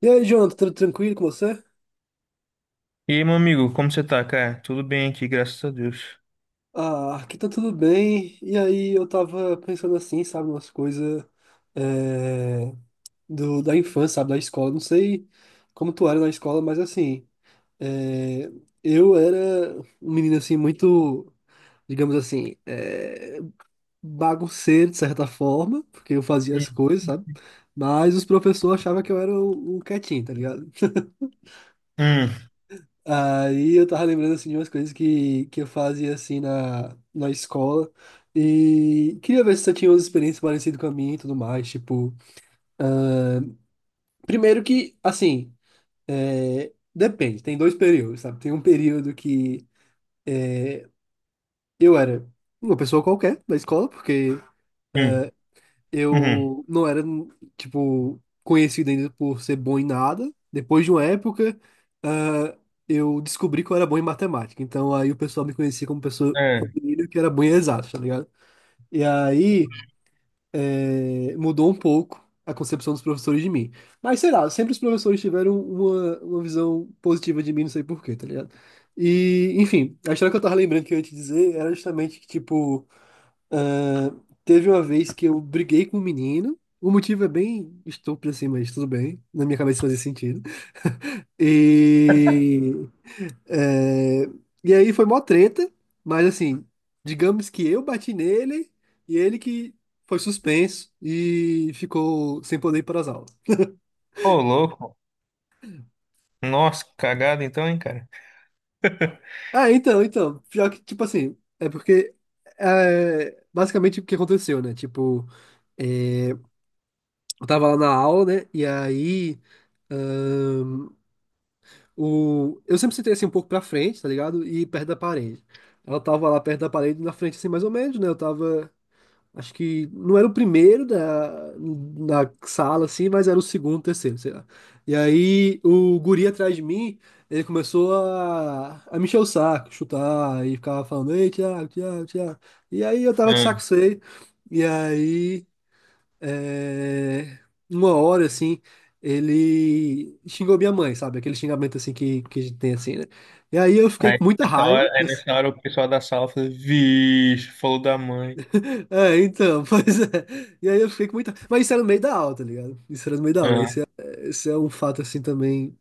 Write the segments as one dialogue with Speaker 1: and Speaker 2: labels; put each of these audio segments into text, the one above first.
Speaker 1: E aí, Jonathan, tudo tranquilo com você?
Speaker 2: E aí, meu amigo, como você tá, cara? Tudo bem aqui, graças a Deus.
Speaker 1: Ah, aqui tá tudo bem. E aí, eu tava pensando assim, sabe, umas coisas é, da infância, sabe, da escola. Não sei como tu era na escola, mas assim, é, eu era um menino assim, muito, digamos assim, bagunceiro de certa forma, porque eu fazia as
Speaker 2: Hum,
Speaker 1: coisas, sabe? Mas os professores achavam que eu era o um quietinho, tá ligado?
Speaker 2: hum,
Speaker 1: Aí eu tava lembrando assim de umas coisas que eu fazia assim na escola e queria ver se você tinha umas experiências parecidas com a minha e tudo mais. Tipo, primeiro que, assim, é, depende, tem dois períodos, sabe? Tem um período que é, eu era uma pessoa qualquer da escola, porque
Speaker 2: hum, uhum.
Speaker 1: eu não era, tipo, conhecido ainda por ser bom em nada. Depois de uma época, ah, eu descobri que eu era bom em matemática. Então aí o pessoal me conhecia como pessoa
Speaker 2: É.
Speaker 1: menino que era bom em exatas, tá ligado? E aí mudou um pouco a concepção dos professores de mim. Mas sei lá, sempre os professores tiveram uma visão positiva de mim, não sei por quê, tá ligado? E, enfim, a história que eu tava lembrando que eu ia te dizer era justamente que, tipo, ah, teve uma vez que eu briguei com um menino. O motivo é bem estúpido assim, mas tudo bem. Na minha cabeça fazia sentido. E. é, e aí foi mó treta, mas assim, digamos que eu bati nele e ele que foi suspenso e ficou sem poder ir para as aulas.
Speaker 2: Ô, louco. Nossa, que cagada então, hein, cara?
Speaker 1: Ah, então, então. Pior que, tipo assim, basicamente o que aconteceu, né? Tipo, é, eu tava lá na aula, né? Eu sempre sentei assim um pouco pra frente, tá ligado? E perto da parede. Ela tava lá perto da parede, na frente assim, mais ou menos, né? Eu tava. Acho que não era o primeiro da sala, assim, mas era o segundo, terceiro, sei lá. E aí o guri atrás de mim, ele começou a me encher o saco, chutar, e ficava falando, ei, Thiago, Thiago, Thiago. E aí eu tava de saco
Speaker 2: Hum.
Speaker 1: cheio. E aí é, uma hora assim, ele xingou minha mãe, sabe? Aquele xingamento assim que a gente tem assim, né? E aí eu fiquei
Speaker 2: Aí,
Speaker 1: com muita
Speaker 2: nessa
Speaker 1: raiva,
Speaker 2: hora, aí
Speaker 1: né?
Speaker 2: nessa hora o pessoal da sala falou, vixe, falou da mãe.
Speaker 1: É, então, pois é. E aí eu fiquei com muita. Mas isso era no meio da aula, tá ligado? Isso era no meio da aula.
Speaker 2: Ah.
Speaker 1: Esse é um fato assim também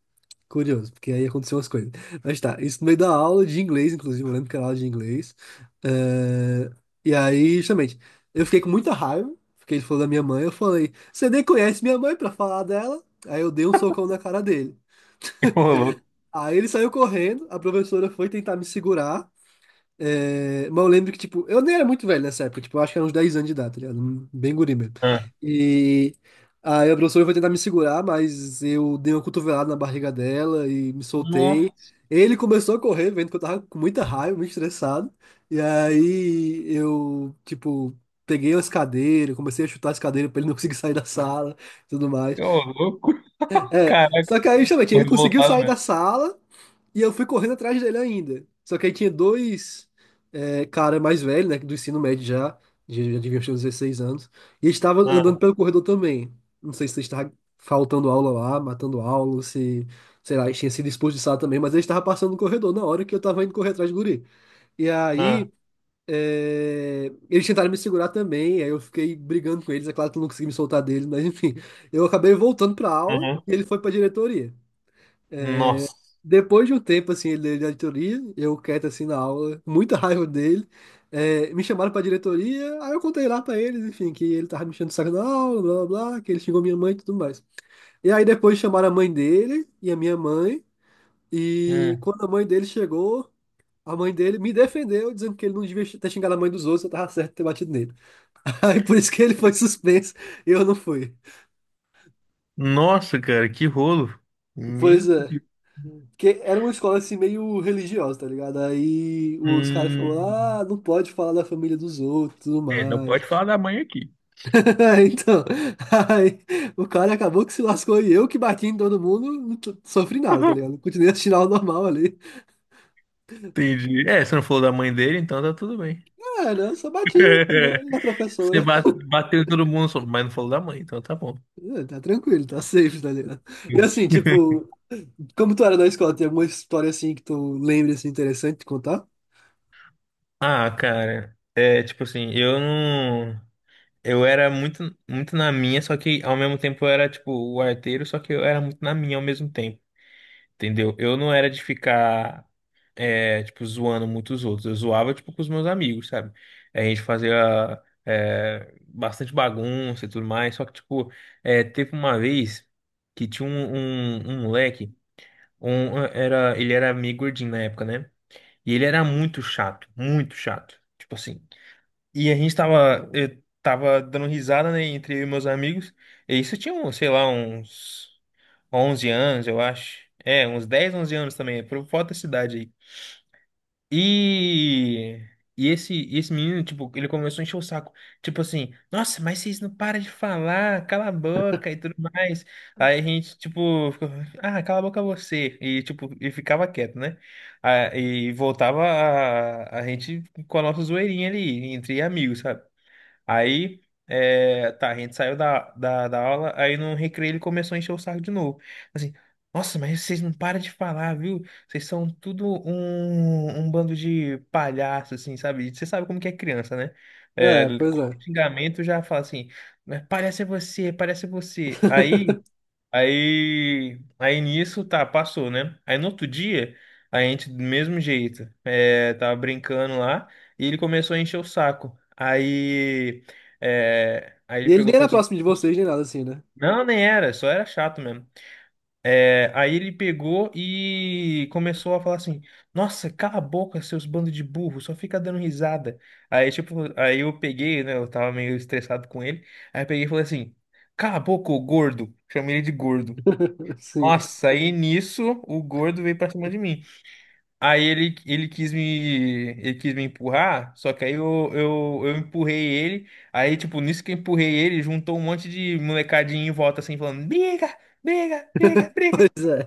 Speaker 1: curioso, porque aí aconteceu umas coisas. Mas tá, isso no meio da aula de inglês, inclusive, eu lembro que era aula de inglês. Eh, E aí, justamente, eu fiquei com muita raiva, porque ele falou da minha mãe, eu falei, você nem conhece minha mãe pra falar dela? Aí eu dei um socão na cara dele.
Speaker 2: Ô, louco.
Speaker 1: Aí ele saiu correndo, a professora foi tentar me segurar, mas eu lembro que, tipo, eu nem era muito velho nessa época, tipo, eu acho que era uns 10 anos de idade, tá ligado? Um- Bem guri mesmo.
Speaker 2: Ah.
Speaker 1: E aí a professora foi tentar me segurar, mas eu dei uma cotovelada na barriga dela e me soltei.
Speaker 2: Nossa,
Speaker 1: Ele começou a correr, vendo que eu tava com muita raiva, muito estressado. E aí eu, tipo, peguei as cadeiras, comecei a chutar as cadeiras pra ele não conseguir sair da sala e tudo mais.
Speaker 2: ô, louco.
Speaker 1: É,
Speaker 2: Caraca,
Speaker 1: só que aí, justamente,
Speaker 2: tô
Speaker 1: ele conseguiu
Speaker 2: revoltado
Speaker 1: sair da
Speaker 2: mesmo.
Speaker 1: sala. E eu fui correndo atrás dele ainda. Só que aí tinha dois cara mais velho, né? Do ensino médio já. Já deviam ter uns 16 anos. E eles estavam
Speaker 2: Ah,
Speaker 1: andando pelo corredor também. Não sei se eles estavam faltando aula lá, matando aula, ou se, sei lá, eles tinham sido expulsados também, mas eles estavam passando no corredor na hora que eu tava indo correr atrás do guri. E
Speaker 2: ah,
Speaker 1: aí, eles tentaram me segurar também, aí eu fiquei brigando com eles, é claro que eu não consegui me soltar deles, mas enfim, eu acabei voltando pra aula
Speaker 2: uhum.
Speaker 1: e ele foi pra diretoria.
Speaker 2: Nossa.
Speaker 1: Depois de um tempo, assim, ele da diretoria, eu quieto, assim, na aula, muita raiva dele, me chamaram pra diretoria, aí eu contei lá pra eles, enfim, que ele tava me enchendo o saco na aula, blá, blá, blá, que ele xingou minha mãe e tudo mais. E aí depois chamaram a mãe dele e a minha mãe, e
Speaker 2: Hum.
Speaker 1: quando a mãe dele chegou, a mãe dele me defendeu, dizendo que ele não devia ter xingado a mãe dos outros, eu tava certo de ter batido nele. Aí por isso que ele foi suspenso e eu não fui.
Speaker 2: Nossa, cara, que rolo.
Speaker 1: Pois
Speaker 2: Meu
Speaker 1: é.
Speaker 2: Deus.
Speaker 1: Porque era uma escola assim meio religiosa, tá ligado? Aí os caras
Speaker 2: Hum.
Speaker 1: ficam, ah, não pode falar da família dos outros, e tudo
Speaker 2: É, não
Speaker 1: mais.
Speaker 2: pode falar da mãe aqui.
Speaker 1: Então, aí o cara acabou que se lascou e eu que bati em todo mundo, não t- sofri nada, tá ligado? Continuei assistindo aula normal ali.
Speaker 2: Entendi. É, você não falou da mãe dele, então tá tudo bem.
Speaker 1: Ah, não, só bati, né, na
Speaker 2: Você
Speaker 1: professora.
Speaker 2: ba- bateu em todo mundo, mas não falou da mãe, então tá bom.
Speaker 1: Ah, tá tranquilo, tá safe, tá ligado? E assim, tipo, como tu era na escola, tem alguma história assim que tu lembra assim interessante de contar?
Speaker 2: Ah, cara, é tipo assim, eu não. Eu era muito, muito na minha, só que ao mesmo tempo eu era tipo o arteiro, só que eu era muito na minha ao mesmo tempo, entendeu? Eu não era de ficar, tipo, zoando muitos outros. Eu zoava, tipo, com os meus amigos, sabe? A gente fazia bastante bagunça e tudo mais. Só que, tipo, teve uma vez que tinha um moleque, ele era meio gordinho na época, né? E ele era muito chato, muito chato. Tipo assim. E eu tava dando risada, né, entre eu e meus amigos. E isso tinha, sei lá, uns 11 anos, eu acho. É, uns 10, 11 anos também, por volta da cidade e, e esse menino, tipo, ele começou a encher o saco. Tipo assim, nossa, mas vocês não param de falar, cala a boca e tudo mais. Aí a gente, tipo, ficou, ah, cala a boca você. E, tipo, ficava quieto, né? Ah, e voltava a gente com a nossa zoeirinha ali, entre amigos, sabe? Aí, tá, a gente saiu da aula, aí no recreio ele começou a encher o saco de novo. Assim, nossa, mas vocês não param de falar, viu? Vocês são tudo um bando de palhaços, assim, sabe? Você sabe como que é criança, né? É,
Speaker 1: É, pois é.
Speaker 2: qualquer xingamento já fala assim, "Mas parece você, parece você." Aí Aí, aí nisso, tá, passou, né? Aí no outro dia, a gente, do mesmo jeito, tava brincando lá e ele começou a encher o saco. Aí
Speaker 1: E
Speaker 2: ele
Speaker 1: ele
Speaker 2: pegou
Speaker 1: nem
Speaker 2: e
Speaker 1: era
Speaker 2: falou assim:
Speaker 1: próximo de vocês, nem nada assim, né?
Speaker 2: Não, nem era, só era chato mesmo. É, aí ele pegou e começou a falar assim: Nossa, cala a boca, seus bandos de burro, só fica dando risada. Aí, tipo, aí eu peguei, né? Eu tava meio estressado com ele. Aí eu peguei e falei assim: Cala a boca, ô gordo. Chamei ele de gordo.
Speaker 1: Sim.
Speaker 2: Nossa, aí nisso o gordo veio pra cima de mim. Aí ele quis me empurrar, só que aí eu empurrei ele. Aí, tipo, nisso que eu empurrei ele, juntou um monte de molecadinho em volta assim, falando: briga, briga, briga, briga.
Speaker 1: Pois é.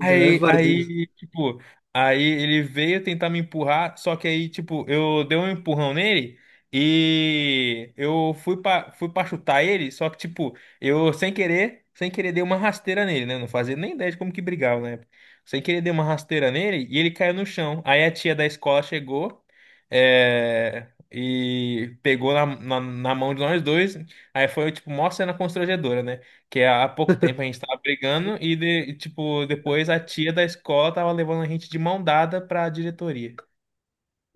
Speaker 1: A galera
Speaker 2: Aí,
Speaker 1: faz isso.
Speaker 2: aí, tipo, aí ele veio tentar me empurrar, só que aí, tipo, eu dei um empurrão nele e eu fui pra, chutar ele, só que, tipo, eu sem querer, sem querer dei uma rasteira nele, né? Não fazia nem ideia de como que brigava na época. Sem querer dei uma rasteira nele e ele caiu no chão. Aí a tia da escola chegou, e pegou na mão de nós dois. Aí foi, tipo, mó cena constrangedora, né? Que há pouco tempo a gente tava brigando e, tipo, depois a tia da escola tava levando a gente de mão dada pra diretoria.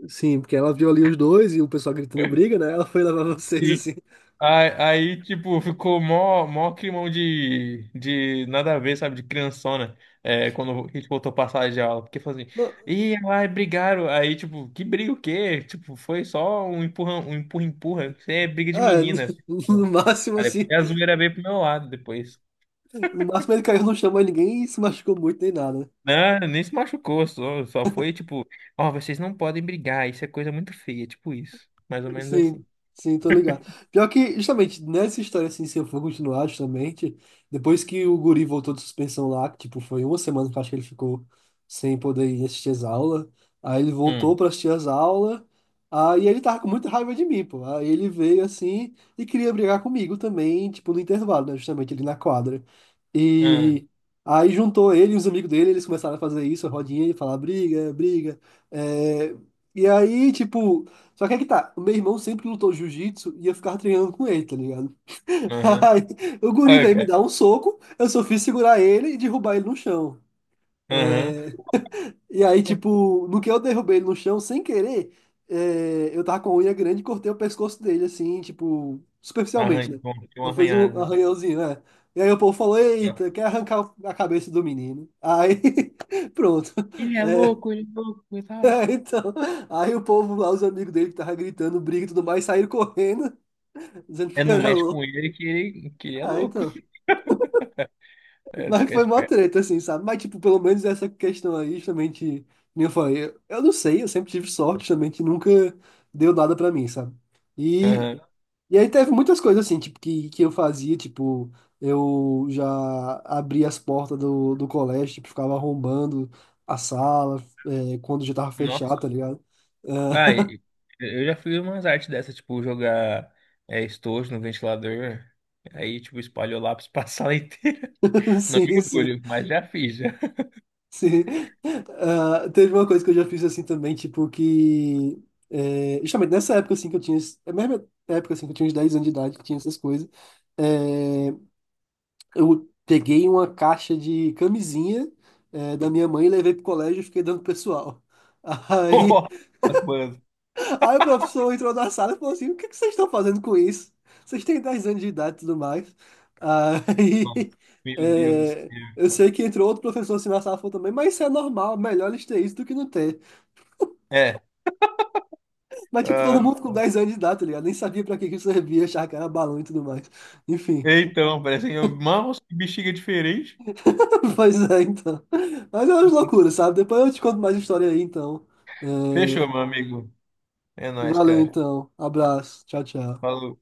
Speaker 1: Sim, porque ela viu ali os dois e o pessoal gritando briga, né? Ela foi levar vocês
Speaker 2: e
Speaker 1: assim.
Speaker 2: aí, tipo, ficou mó, mó climão de nada a ver, sabe? De criançona, quando a gente voltou pra sala de aula. Porque falou assim,
Speaker 1: No,
Speaker 2: ih, ai, brigaram. Aí, tipo, que briga o quê? Tipo, foi só um empurra, empurra. Isso é briga de
Speaker 1: ah,
Speaker 2: menina.
Speaker 1: no máximo
Speaker 2: Aí depois
Speaker 1: assim.
Speaker 2: a zoeira veio pro meu lado depois.
Speaker 1: No máximo ele caiu no chão, mas ninguém se machucou muito nem nada, né?
Speaker 2: Né? Nem se machucou, só foi tipo, ó, vocês não podem brigar, isso é coisa muito feia, tipo isso. Mais ou menos
Speaker 1: Sim,
Speaker 2: assim.
Speaker 1: sim, tô ligado. Pior que, justamente, nessa história, assim, se eu for continuar, justamente, depois que o guri voltou de suspensão lá, que, tipo, foi uma semana que eu acho que ele ficou sem poder ir assistir as aulas, aí ele voltou
Speaker 2: Hum,
Speaker 1: pra assistir as aulas, aí ele tava com muita raiva de mim, pô. Aí ele veio, assim, e queria brigar comigo também, tipo, no intervalo, né, justamente, ali na quadra.
Speaker 2: hum,
Speaker 1: E aí juntou ele e os amigos dele, eles começaram a fazer isso, a rodinha, e falar briga, briga, é... E aí, tipo, só que é que tá, o meu irmão sempre lutou jiu-jitsu e eu ficava treinando com ele, tá ligado?
Speaker 2: aham.
Speaker 1: Aí, o guri
Speaker 2: Olha,
Speaker 1: veio me
Speaker 2: cara.
Speaker 1: dar um soco, eu só fiz segurar ele e derrubar ele no chão.
Speaker 2: Aham.
Speaker 1: É, E aí, tipo, no que eu derrubei ele no chão, sem querer, eu tava com a unha grande e cortei o pescoço dele, assim, tipo, superficialmente, né?
Speaker 2: Bom, deu
Speaker 1: Só
Speaker 2: uma
Speaker 1: fez
Speaker 2: arranhada,
Speaker 1: um
Speaker 2: né?
Speaker 1: arranhãozinho, né? E aí o povo falou, eita, quer arrancar a cabeça do menino. Aí, pronto. É,
Speaker 2: Ele é louco, coitado.
Speaker 1: então, aí o povo lá, os amigos dele que tava gritando, briga e tudo mais, saíram correndo dizendo
Speaker 2: É,
Speaker 1: que eu
Speaker 2: não
Speaker 1: era
Speaker 2: mexe com
Speaker 1: louco.
Speaker 2: ele que que ele é
Speaker 1: Ah,
Speaker 2: louco.
Speaker 1: então.
Speaker 2: É, tu
Speaker 1: Mas
Speaker 2: quer
Speaker 1: foi mó
Speaker 2: esperto.
Speaker 1: treta, assim, sabe? Mas, tipo, pelo menos essa questão aí, justamente, nem eu falei, eu não sei, eu sempre tive sorte, justamente, nunca deu nada pra mim, sabe? E,
Speaker 2: Aham.
Speaker 1: e aí teve muitas coisas, assim, tipo, que eu fazia, tipo, eu já abria as portas do colégio, tipo, ficava arrombando a sala, quando já tava fechado, tá
Speaker 2: Nossa.
Speaker 1: ligado?
Speaker 2: Ah, eu já fiz umas artes dessas, tipo, jogar estojo no ventilador. Aí, tipo, espalhou lá pra a sala inteira.
Speaker 1: Ah,
Speaker 2: Não me
Speaker 1: sim, sim.
Speaker 2: orgulho, mas já fiz, já.
Speaker 1: Sim. Ah, teve uma coisa que eu já fiz assim também, tipo, que. É, justamente nessa época assim que eu tinha. É a mesma época assim que eu tinha uns 10 anos de idade, que tinha essas coisas. é, eu peguei uma caixa de camisinha, da minha mãe e levei pro colégio e fiquei dando pro pessoal. Aí.
Speaker 2: Nossa, mano.
Speaker 1: Aí o professor entrou na sala e falou assim: O que que vocês estão fazendo com isso? Vocês têm 10 anos de idade e tudo mais. Aí
Speaker 2: Meu Deus do
Speaker 1: é, eu
Speaker 2: céu.
Speaker 1: sei que entrou outro professor assim na sala e falou também: Mas isso é normal, melhor eles terem isso do que não ter.
Speaker 2: É.
Speaker 1: Mas tipo,
Speaker 2: Ah,
Speaker 1: todo mundo com 10 anos de idade, tá ligado? Nem sabia pra que que isso servia, achava que era balão e tudo mais. Enfim,
Speaker 2: então, parecem mãos e bexiga diferente.
Speaker 1: pois é, então. Mas é umas loucuras, sabe? Depois eu te conto mais história aí, então. É,
Speaker 2: Fechou, meu amigo. É nóis,
Speaker 1: valeu,
Speaker 2: cara.
Speaker 1: então. Abraço. Tchau, tchau.
Speaker 2: Falou.